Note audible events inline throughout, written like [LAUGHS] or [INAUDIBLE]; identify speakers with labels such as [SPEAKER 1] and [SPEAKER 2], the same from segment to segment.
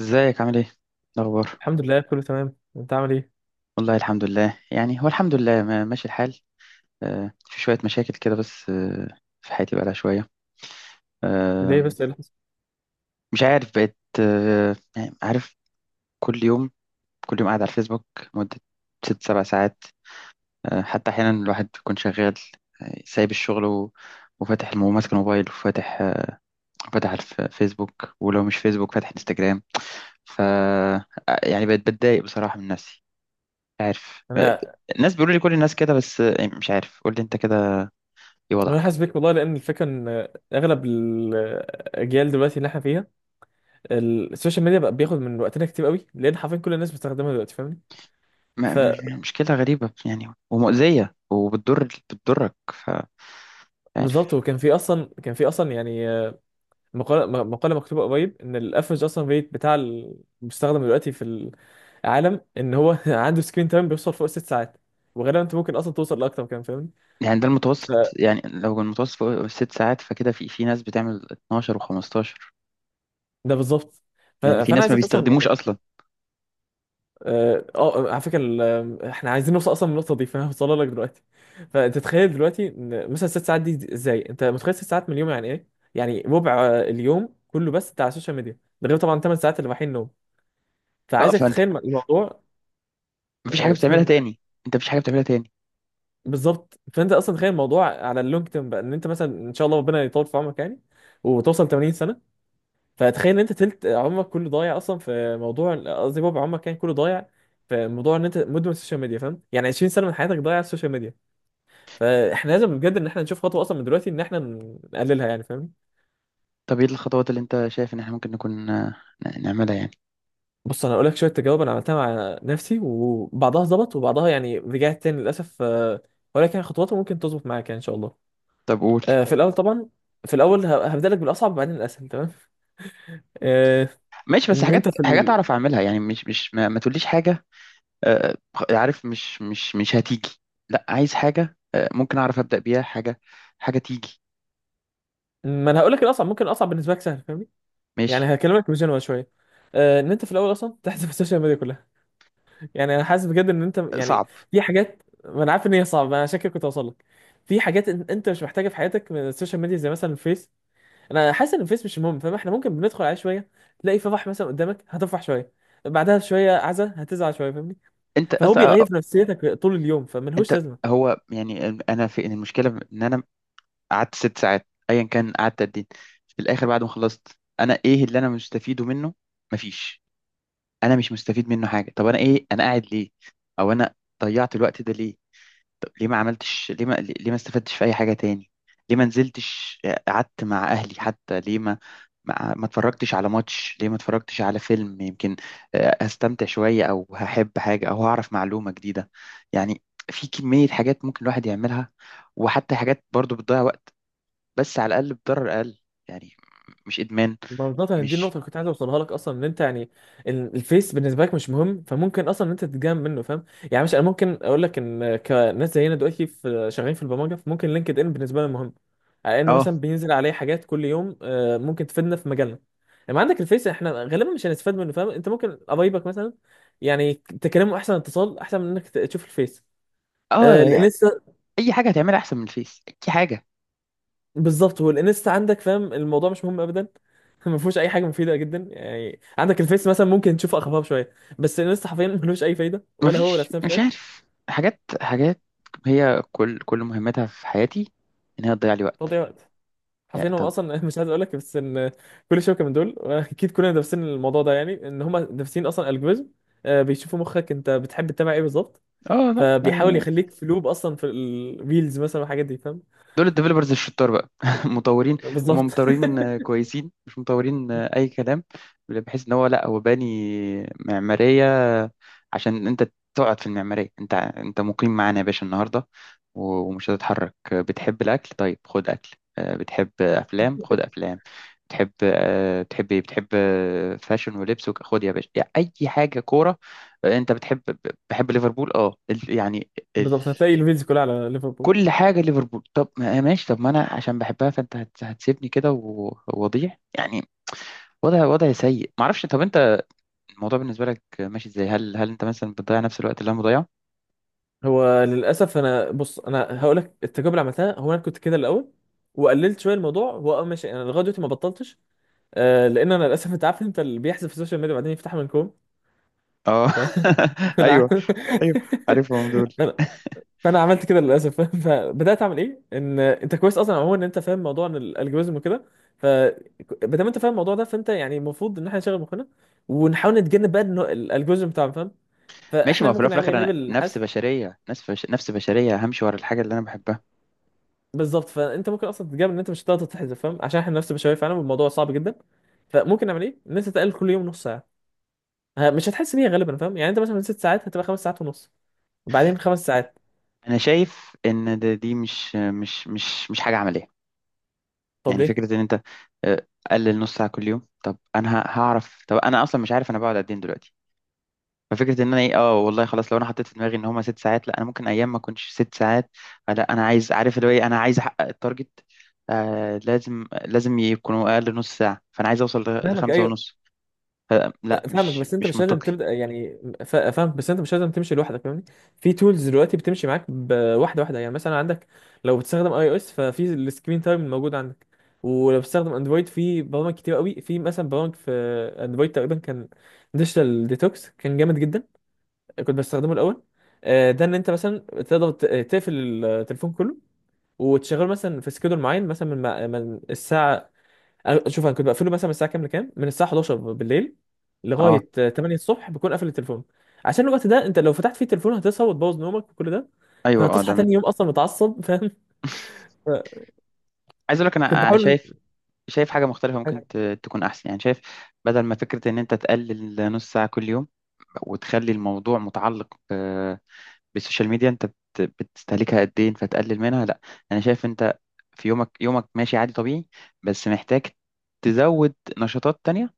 [SPEAKER 1] ازيك عامل ايه؟ إيه الاخبار؟
[SPEAKER 2] الحمد لله كله تمام، انت عامل ايه؟
[SPEAKER 1] والله الحمد لله، يعني هو الحمد لله، ماشي الحال. في شوية مشاكل كده، بس في حياتي بقالها شوية.
[SPEAKER 2] ليه
[SPEAKER 1] آه،
[SPEAKER 2] بس ايه اللي حصل؟
[SPEAKER 1] مش عارف، بقيت يعني عارف، كل يوم، كل يوم قاعد على الفيسبوك مدة 6 7 ساعات. حتى أحيانا الواحد بيكون شغال، سايب الشغل وفاتح ماسك الموبايل، وفاتح آه، فاتح الفيسبوك، ولو مش فيسبوك فاتح انستجرام. ف آه، يعني بقيت بتضايق بصراحة من نفسي، عارف؟
[SPEAKER 2] انا
[SPEAKER 1] الناس بيقولوا لي كل الناس كده، بس مش عارف. قول لي انت كده، ايه
[SPEAKER 2] انا
[SPEAKER 1] وضعك؟
[SPEAKER 2] حاسس بيك والله، لان الفكره ان اغلب الاجيال دلوقتي اللي احنا فيها السوشيال ميديا بقى بياخد من وقتنا كتير قوي، لان حرفيا كل الناس بتستخدمها دلوقتي، فاهمني؟ فبالظبط.
[SPEAKER 1] مشكلة غريبة يعني، ومؤذية، وبتضر بتضرك. ف، عارف؟
[SPEAKER 2] وكان في اصلا كان في اصلا يعني مقاله، مقاله مكتوبه قريب ان الافرج اصلا ريت بتاع المستخدم دلوقتي في العالم ان هو [LAUGHS] عنده سكرين تايم بيوصل فوق 6 ساعات، وغالبا انت ممكن اصلا توصل لاكتر كمان، فاهمني؟
[SPEAKER 1] يعني ده المتوسط،
[SPEAKER 2] فده
[SPEAKER 1] يعني لو المتوسط فوق 6 ساعات فكده في ناس بتعمل 12 و15،
[SPEAKER 2] بالظبط.
[SPEAKER 1] لان في
[SPEAKER 2] فانا
[SPEAKER 1] ناس ما
[SPEAKER 2] عايزك اصلا
[SPEAKER 1] بيستخدموش
[SPEAKER 2] يعني
[SPEAKER 1] اصلا.
[SPEAKER 2] اه، على فكره، احنا عايزين نوصل اصلا للنقطه دي، فانا هوصلها [LAUGHS] لك دلوقتي. فانت تخيل دلوقتي إن مثلا 6 ساعات دي، ازاي انت متخيل 6 ساعات من اليوم؟ يعني ايه؟ يعني ربع اليوم كله بس بتاع السوشيال ميديا، ده غير طبعا 8 ساعات اللي رايحين نوم.
[SPEAKER 1] اه
[SPEAKER 2] فعايزك
[SPEAKER 1] فانت
[SPEAKER 2] تتخيل الموضوع.
[SPEAKER 1] مفيش حاجة
[SPEAKER 2] [LAUGHS]
[SPEAKER 1] بتعملها
[SPEAKER 2] تمام.
[SPEAKER 1] تاني. انت مفيش حاجة بتعملها تاني.
[SPEAKER 2] بالظبط، فانت اصلا تخيل الموضوع على اللونج تيرم بقى، ان انت مثلا ان شاء الله ربنا يطول في عمرك يعني وتوصل 80 سنه، فتخيل ان انت تلت عمرك كله ضايع اصلا في موضوع، قصدي ربع عمرك يعني كله ضايع في موضوع ان انت مدمن السوشيال ميديا، فاهم؟ يعني 20 سنه من حياتك ضايعه على السوشيال ميديا. فاحنا لازم بجد ان احنا نشوف خطوه اصلا من دلوقتي ان احنا نقللها، يعني فاهم؟
[SPEAKER 1] طب ايه الخطوات اللي انت شايف ان احنا ممكن نكون نعملها يعني؟
[SPEAKER 2] بص انا هقول لك شويه تجارب انا عملتها مع نفسي، وبعضها ظبط وبعضها يعني رجعت تاني للاسف، ولكن يعني خطواته ممكن تظبط معاك يعني ان شاء الله.
[SPEAKER 1] طب قول.
[SPEAKER 2] في الاول طبعا، في الاول هبدا لك بالاصعب وبعدين الاسهل، تمام؟ آه،
[SPEAKER 1] ماشي، بس
[SPEAKER 2] ان
[SPEAKER 1] حاجات
[SPEAKER 2] انت في
[SPEAKER 1] حاجات اعرف اعملها يعني، مش ما تقوليش حاجة. آه، عارف، مش هتيجي. لا، عايز حاجة ممكن أعرف أبدأ بيها، حاجة، حاجة تيجي.
[SPEAKER 2] ما انا هقول لك الاصعب، ممكن الاصعب بالنسبه لك سهل، فاهمني؟
[SPEAKER 1] ماشي.
[SPEAKER 2] يعني هكلمك بجنوة شويه. ان انت في الاول اصلا تحذف السوشيال ميديا كلها، يعني انا حاسس بجد ان انت يعني
[SPEAKER 1] صعب.
[SPEAKER 2] في حاجات، ما انا عارف ان هي صعبه، انا عشان كده كنت اوصل لك في حاجات انت مش محتاجها في حياتك من السوشيال ميديا، زي مثلا الفيس. انا حاسس ان الفيس مش مهم، فاهم؟ احنا ممكن بندخل عليه شويه، تلاقي فرح مثلا قدامك هتفرح شويه، بعدها شويه عزا هتزعل شويه، فاهمني؟
[SPEAKER 1] أنت
[SPEAKER 2] فهو بيغير
[SPEAKER 1] أصلا
[SPEAKER 2] في نفسيتك طول اليوم، فملهوش
[SPEAKER 1] أنت
[SPEAKER 2] لازمه.
[SPEAKER 1] هو يعني أنا، في إن المشكلة إن أنا قعدت ست ساعات أيا كان، قعدت قد إيه؟ في الآخر بعد ما خلصت، أنا إيه اللي أنا مستفيده منه؟ مفيش. أنا مش مستفيد منه حاجة. طب أنا إيه؟ أنا قاعد ليه؟ أو أنا ضيعت الوقت ده ليه؟ طب ليه ما عملتش، ليه ما استفدتش في اي حاجه تاني؟ ليه ما نزلتش قعدت مع اهلي حتى؟ ليه ما اتفرجتش على ماتش؟ ليه ما اتفرجتش على فيلم؟ يمكن هستمتع شويه، او هحب حاجه، او هعرف معلومه جديده يعني. في كميه حاجات ممكن الواحد يعملها، وحتى حاجات برضو بتضيع وقت بس على الاقل بضرر اقل، يعني مش ادمان.
[SPEAKER 2] بالظبط، يعني دي النقطة
[SPEAKER 1] مش،
[SPEAKER 2] اللي كنت عايز اوصلها لك اصلا، ان انت يعني الفيس بالنسبة لك مش مهم، فممكن اصلا ان انت تتجنب منه، فاهم؟ يعني مش، انا ممكن اقول لك ان كناس زينا دلوقتي في شغالين في البرمجة، فممكن لينكد ان بالنسبة لنا مهم، على ان
[SPEAKER 1] اه
[SPEAKER 2] مثلا بينزل عليه حاجات كل يوم ممكن تفيدنا في مجالنا. لما عندك الفيس احنا غالبا مش هنستفاد منه، فاهم؟ انت ممكن قرايبك مثلا يعني تكلمه، احسن اتصال احسن من انك تشوف الفيس.
[SPEAKER 1] اه يعني
[SPEAKER 2] الانستا
[SPEAKER 1] اي حاجه هتعملها احسن من الفيس، اي حاجه.
[SPEAKER 2] بالظبط، هو الانستا عندك، فاهم؟ الموضوع مش مهم ابدا، [LAUGHS] ما فيهوش اي حاجه مفيده جدا. يعني عندك الفيس مثلا ممكن تشوفه اخبار شويه، بس الانستا حرفيا [LAUGHS] ملوش اي فايده، ولا هو ولا
[SPEAKER 1] مفيش،
[SPEAKER 2] سناب
[SPEAKER 1] مش
[SPEAKER 2] شات.
[SPEAKER 1] عارف. حاجات حاجات هي، كل مهمتها في حياتي ان هي تضيع لي وقت
[SPEAKER 2] تضيع وقت، حرفيا
[SPEAKER 1] يعني.
[SPEAKER 2] هم
[SPEAKER 1] طب
[SPEAKER 2] اصلا [LAUGHS] مش عايز اقول لك، بس ان كل شبكه من دول، واكيد كلنا دارسين الموضوع ده، يعني ان هم دارسين اصلا الجوريزم، بيشوفوا مخك انت بتحب تتابع ايه بالظبط،
[SPEAKER 1] اه، لا،
[SPEAKER 2] فبيحاول يخليك في لوب اصلا في الريلز مثلا والحاجات دي، فاهم؟
[SPEAKER 1] دول الديفلوبرز الشطار بقى [LAUGHS] مطورين. هم
[SPEAKER 2] بالظبط. [LAUGHS]
[SPEAKER 1] مطورين كويسين، مش مطورين اي كلام، بحيث ان هو، لا هو باني معماريه عشان انت تقعد في المعماريه، انت مقيم معانا يا باشا النهارده ومش هتتحرك. بتحب الاكل؟ طيب خد اكل. بتحب افلام؟ خد افلام. بتحب ايه؟ بتحب آه، فاشن ولبس خد يا باشا يعني، اي حاجه. كوره؟ انت بتحب. بحب ليفربول اه، يعني
[SPEAKER 2] بالظبط، هتلاقي الفيديو كلها على ليفربول.
[SPEAKER 1] كل حاجه ليفربول. طب ماشي، طب ما انا عشان بحبها، فانت هتسيبني كده وأضيع يعني، وضع سيء، ما اعرفش. طب انت الموضوع بالنسبه لك ماشي ازاي؟ هل انت مثلا بتضيع نفس الوقت اللي انا بضيعه؟
[SPEAKER 2] هو للاسف انا، بص انا هقول لك التجربه اللي عملتها، هو انا كنت كده الاول وقللت شويه الموضوع، هو اه ماشي، انا لغايه دلوقتي ما بطلتش آه، لان انا للاسف انت عارف، انت اللي بيحذف في السوشيال ميديا بعدين يفتحها من كوم.
[SPEAKER 1] اه [LAUGHS]
[SPEAKER 2] [LAUGHS] انا
[SPEAKER 1] ايوه،
[SPEAKER 2] ع-
[SPEAKER 1] ايوه، عارفهم دول.
[SPEAKER 2] انا فانا عملت كده للاسف. [LAUGHS] فبدات اعمل ايه، ان انت كويس اصلا عموما ان انت فاهم موضوع إن الالجوريزم وكده، ف ما دام انت فاهم الموضوع ده، فانت يعني المفروض ان احنا نشغل مخنا ونحاول نتجنب بقى إنه الالجوريزم بتاعنا، فاهم؟
[SPEAKER 1] ماشي، ما
[SPEAKER 2] فاحنا
[SPEAKER 1] هو في الأول
[SPEAKER 2] ممكن
[SPEAKER 1] وفي
[SPEAKER 2] نعمل ايه
[SPEAKER 1] الاخر
[SPEAKER 2] غير
[SPEAKER 1] انا نفس
[SPEAKER 2] الحذف؟
[SPEAKER 1] بشريه، نفس بشريه همشي ورا الحاجه اللي انا بحبها.
[SPEAKER 2] بالظبط، فانت ممكن اصلا تتجنب ان انت مش هتقدر تتحذف، فاهم؟ عشان احنا نفس البشويه فعلا والموضوع صعب جدا. فممكن نعمل ايه؟ ان انت تقلل كل يوم نص ساعه، مش هتحس بيها غالبا، فاهم؟ يعني انت مثلا من 6 ساعات هتبقى 5 ساعات ونص، وبعدين 5 ساعات.
[SPEAKER 1] انا شايف ان دي مش حاجه عمليه.
[SPEAKER 2] طب
[SPEAKER 1] يعني
[SPEAKER 2] ليه؟
[SPEAKER 1] فكره ان انت قلل نص ساعه كل يوم، طب انا هعرف؟ طب انا اصلا مش عارف انا بقعد قد ايه دلوقتي. ففكره ان انا ايه، اه والله خلاص. لو انا حطيت في دماغي ان هما 6 ساعات، لا، انا ممكن ايام ما اكونش 6 ساعات. لا، انا عايز عارف اللي هو ايه، انا عايز احقق التارجت، لازم لازم يكونوا اقل نص ساعه، فانا عايز اوصل
[SPEAKER 2] فاهمك
[SPEAKER 1] لخمسة
[SPEAKER 2] ايوه.
[SPEAKER 1] ونص. لا،
[SPEAKER 2] فاهمك
[SPEAKER 1] مش
[SPEAKER 2] بس انت
[SPEAKER 1] مش
[SPEAKER 2] مش لازم
[SPEAKER 1] منطقي.
[SPEAKER 2] تبدا يعني، فاهمك بس انت مش لازم تمشي لوحدك، فاهمني؟ في تولز دلوقتي بتمشي معاك بواحده واحده، يعني مثلا عندك، لو بتستخدم اي او اس ففي السكرين تايم الموجود عندك، ولو بتستخدم اندرويد في برامج كتير قوي، في مثلا برامج في اندرويد تقريبا كان ديجيتال ديتوكس، كان جامد جدا، كنت بستخدمه الاول. ده ان انت مثلا تقدر تقفل التليفون كله وتشغله مثلا في سكيدول معين، مثلا من من الساعه، شوف انا كنت بقفله مثلا من الساعه كام لكام، من الساعه 11 بالليل
[SPEAKER 1] اه،
[SPEAKER 2] لغايه 8 الصبح بكون قافل التليفون، عشان الوقت ده انت لو فتحت فيه التليفون هتصحى وتبوظ نومك وكل ده،
[SPEAKER 1] ايوه. اه،
[SPEAKER 2] فهتصحى
[SPEAKER 1] ده
[SPEAKER 2] تاني يوم اصلا متعصب. [LAUGHS] فاهم؟
[SPEAKER 1] عايز اقول لك
[SPEAKER 2] كنت
[SPEAKER 1] انا،
[SPEAKER 2] بحاول.
[SPEAKER 1] شايف حاجه مختلفه ممكن
[SPEAKER 2] [LAUGHS]
[SPEAKER 1] تكون احسن يعني، شايف. بدل ما فكره ان انت تقلل نص ساعه كل يوم، وتخلي الموضوع متعلق بالسوشيال ميديا، انت بتستهلكها قد ايه فتقلل منها، لا. انا شايف انت في يومك، يومك ماشي عادي طبيعي، بس محتاج تزود نشاطات تانية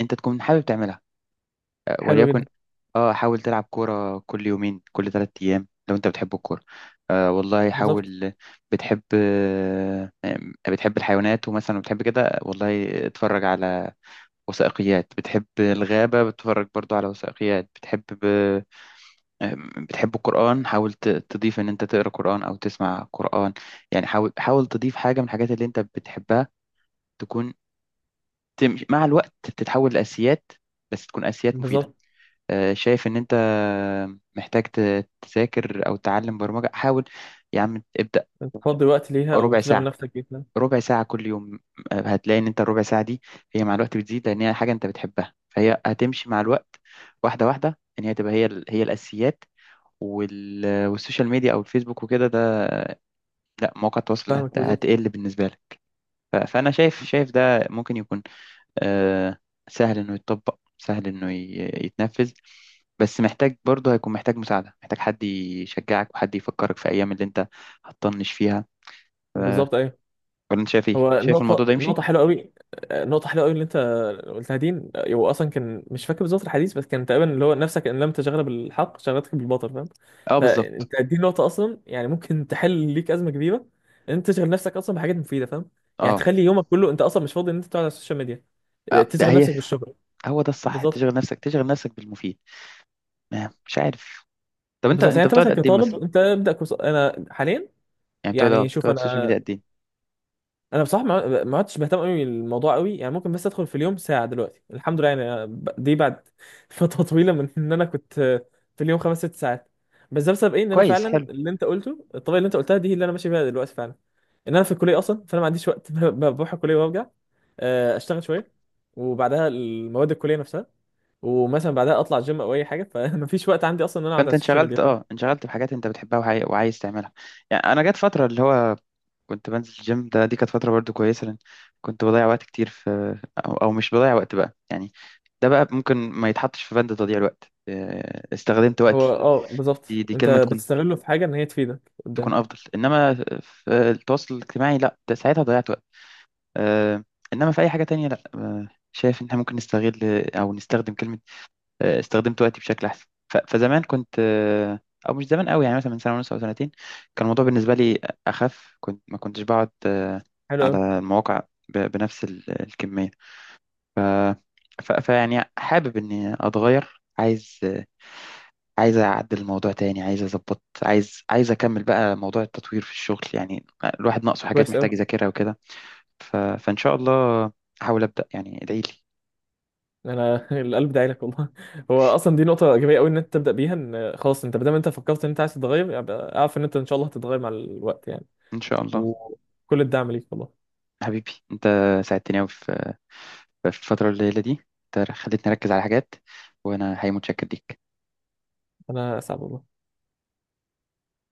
[SPEAKER 1] انت تكون حابب تعملها.
[SPEAKER 2] حلو
[SPEAKER 1] وليكن،
[SPEAKER 2] جدا.
[SPEAKER 1] اه، حاول تلعب كورة كل يومين، كل 3 ايام، لو انت بتحب الكورة. والله
[SPEAKER 2] بالظبط.
[SPEAKER 1] حاول. بتحب آه بتحب الحيوانات، ومثلا بتحب كده، والله اتفرج على وثائقيات. بتحب الغابة، بتتفرج برضو على وثائقيات. بتحب، بتحب القرآن، حاول تضيف إن أنت تقرأ قرآن أو تسمع قرآن. يعني حاول، حاول تضيف حاجة من الحاجات اللي أنت بتحبها، تكون تمشي مع الوقت، تتحول لأساسيات، بس تكون أساسيات مفيدة.
[SPEAKER 2] بالظبط،
[SPEAKER 1] شايف إن أنت محتاج تذاكر أو تعلم برمجة. حاول يا عم، ابدأ
[SPEAKER 2] تفضي وقت ليها
[SPEAKER 1] ربع
[SPEAKER 2] وتشغل
[SPEAKER 1] ساعة،
[SPEAKER 2] نفسك جدا.
[SPEAKER 1] ربع ساعة كل يوم. هتلاقي إن أنت الربع ساعة دي هي مع الوقت بتزيد، لأن هي حاجة أنت بتحبها، فهي هتمشي مع الوقت واحدة واحدة إن هي تبقى، هي الأساسيات. والسوشيال ميديا أو الفيسبوك وكده، ده لا، مواقع التواصل
[SPEAKER 2] فاهمك بالظبط.
[SPEAKER 1] هتقل بالنسبة لك. فأنا شايف ده ممكن يكون آه، سهل إنه يتطبق، سهل إنه يتنفذ، بس محتاج برضه، هيكون محتاج مساعدة، محتاج حد يشجعك وحد يفكرك في أيام اللي أنت هتطنش فيها.
[SPEAKER 2] بالظبط ايوه.
[SPEAKER 1] ولا أنت شايف إيه؟
[SPEAKER 2] هو
[SPEAKER 1] شايف الموضوع
[SPEAKER 2] نقطة،
[SPEAKER 1] ده يمشي؟
[SPEAKER 2] نقطة حلوة قوي، نقطة حلوة قوي اللي انت قلتها دي. هو اصلا كان مش فاكر بالظبط الحديث، بس كان تقريبا اللي هو نفسك ان لم تشغل بالحق شغلتك بالباطل، فاهم؟
[SPEAKER 1] أه بالظبط.
[SPEAKER 2] فانت دي نقطة اصلا يعني ممكن تحل ليك أزمة كبيرة، ان انت تشغل نفسك اصلا بحاجات مفيدة، فاهم؟ يعني
[SPEAKER 1] أه،
[SPEAKER 2] تخلي يومك كله انت اصلا مش فاضي ان انت تقعد على السوشيال ميديا.
[SPEAKER 1] ده
[SPEAKER 2] تشغل
[SPEAKER 1] هي
[SPEAKER 2] نفسك بالشغل.
[SPEAKER 1] هو ده الصح،
[SPEAKER 2] بالظبط.
[SPEAKER 1] تشغل نفسك، تشغل نفسك بالمفيد. مش عارف. طب أنت
[SPEAKER 2] بالظبط، يعني
[SPEAKER 1] أنت
[SPEAKER 2] انت
[SPEAKER 1] بتقعد
[SPEAKER 2] مثلا
[SPEAKER 1] قد إيه
[SPEAKER 2] كطالب
[SPEAKER 1] مثلا؟
[SPEAKER 2] انت ابدا كورس. انا حاليا
[SPEAKER 1] يعني
[SPEAKER 2] يعني، شوف
[SPEAKER 1] بتقعد السوشيال ميديا
[SPEAKER 2] انا،
[SPEAKER 1] قد إيه؟
[SPEAKER 2] انا بصراحه ما عدتش بهتم قوي بالموضوع قوي، يعني ممكن بس ادخل في اليوم ساعه دلوقتي، الحمد لله. يعني أنا دي بعد [LAUGHS] فتره طويله من ان انا كنت في اليوم 5 6 ساعات. بس ده بسبب ايه؟ ان انا
[SPEAKER 1] كويس،
[SPEAKER 2] فعلا
[SPEAKER 1] حلو.
[SPEAKER 2] اللي انت قلته، الطريقه اللي انت قلتها دي هي اللي انا ماشي بيها دلوقتي فعلا، ان انا في الكليه اصلا، فانا ما عنديش وقت، [LAUGHS] بروح الكليه وارجع، اشتغل شويه، وبعدها المواد الكليه نفسها، ومثلا بعدها اطلع جيم او اي حاجه، فمفيش [LAUGHS] وقت عندي اصلا ان انا اقعد على
[SPEAKER 1] فانت
[SPEAKER 2] السوشيال ميديا، فاهم؟
[SPEAKER 1] انشغلت بحاجات انت بتحبها وعايز تعملها. يعني انا جت فتره اللي هو كنت بنزل الجيم، دي كانت فتره برضو كويسه، لان كنت بضيع وقت كتير في، أو مش بضيع وقت بقى يعني، ده بقى ممكن ما يتحطش في بند تضييع الوقت. استخدمت
[SPEAKER 2] هو
[SPEAKER 1] وقتي،
[SPEAKER 2] اه بالظبط،
[SPEAKER 1] دي
[SPEAKER 2] انت
[SPEAKER 1] كلمه تكون
[SPEAKER 2] بتستغله في حاجه ان هي تفيدك
[SPEAKER 1] تكون
[SPEAKER 2] قدام.
[SPEAKER 1] افضل، انما في التواصل الاجتماعي لا، ده ساعتها ضيعت وقت. آه، انما في اي حاجه تانية لا، شايف ان احنا ممكن نستغل، او نستخدم كلمه استخدمت وقتي بشكل احسن. فزمان كنت او مش زمان قوي يعني، مثلا من سنه ونص او سنتين كان الموضوع بالنسبه لي اخف، كنت ما كنتش بقعد
[SPEAKER 2] حلو قوي.
[SPEAKER 1] على المواقع بنفس الكميه. فيعني حابب اني اتغير، عايز اعدل الموضوع تاني، عايز اظبط، عايز اكمل بقى موضوع التطوير في الشغل يعني، الواحد ناقصه حاجات
[SPEAKER 2] كويس قوي.
[SPEAKER 1] محتاج يذاكرها وكده. فان شاء الله احاول ابدا يعني، ادعي لي.
[SPEAKER 2] انا [LAUGHS] القلب داعي لك والله، هو اصلا دي نقطه ايجابيه قوي ان انت تبدا بيها، ان خلاص انت ما دام انت فكرت ان انت عايز تتغير، يبقى اعرف ان انت ان شاء الله هتتغير مع الوقت يعني.
[SPEAKER 1] ان شاء الله.
[SPEAKER 2] وكل الدعم ليك والله.
[SPEAKER 1] حبيبي انت، ساعدتني قوي فالفترة القليلة دي، انت خلتني أركز على حاجات، وأنا حقيقي متشكر ليك.
[SPEAKER 2] انا اسعد والله.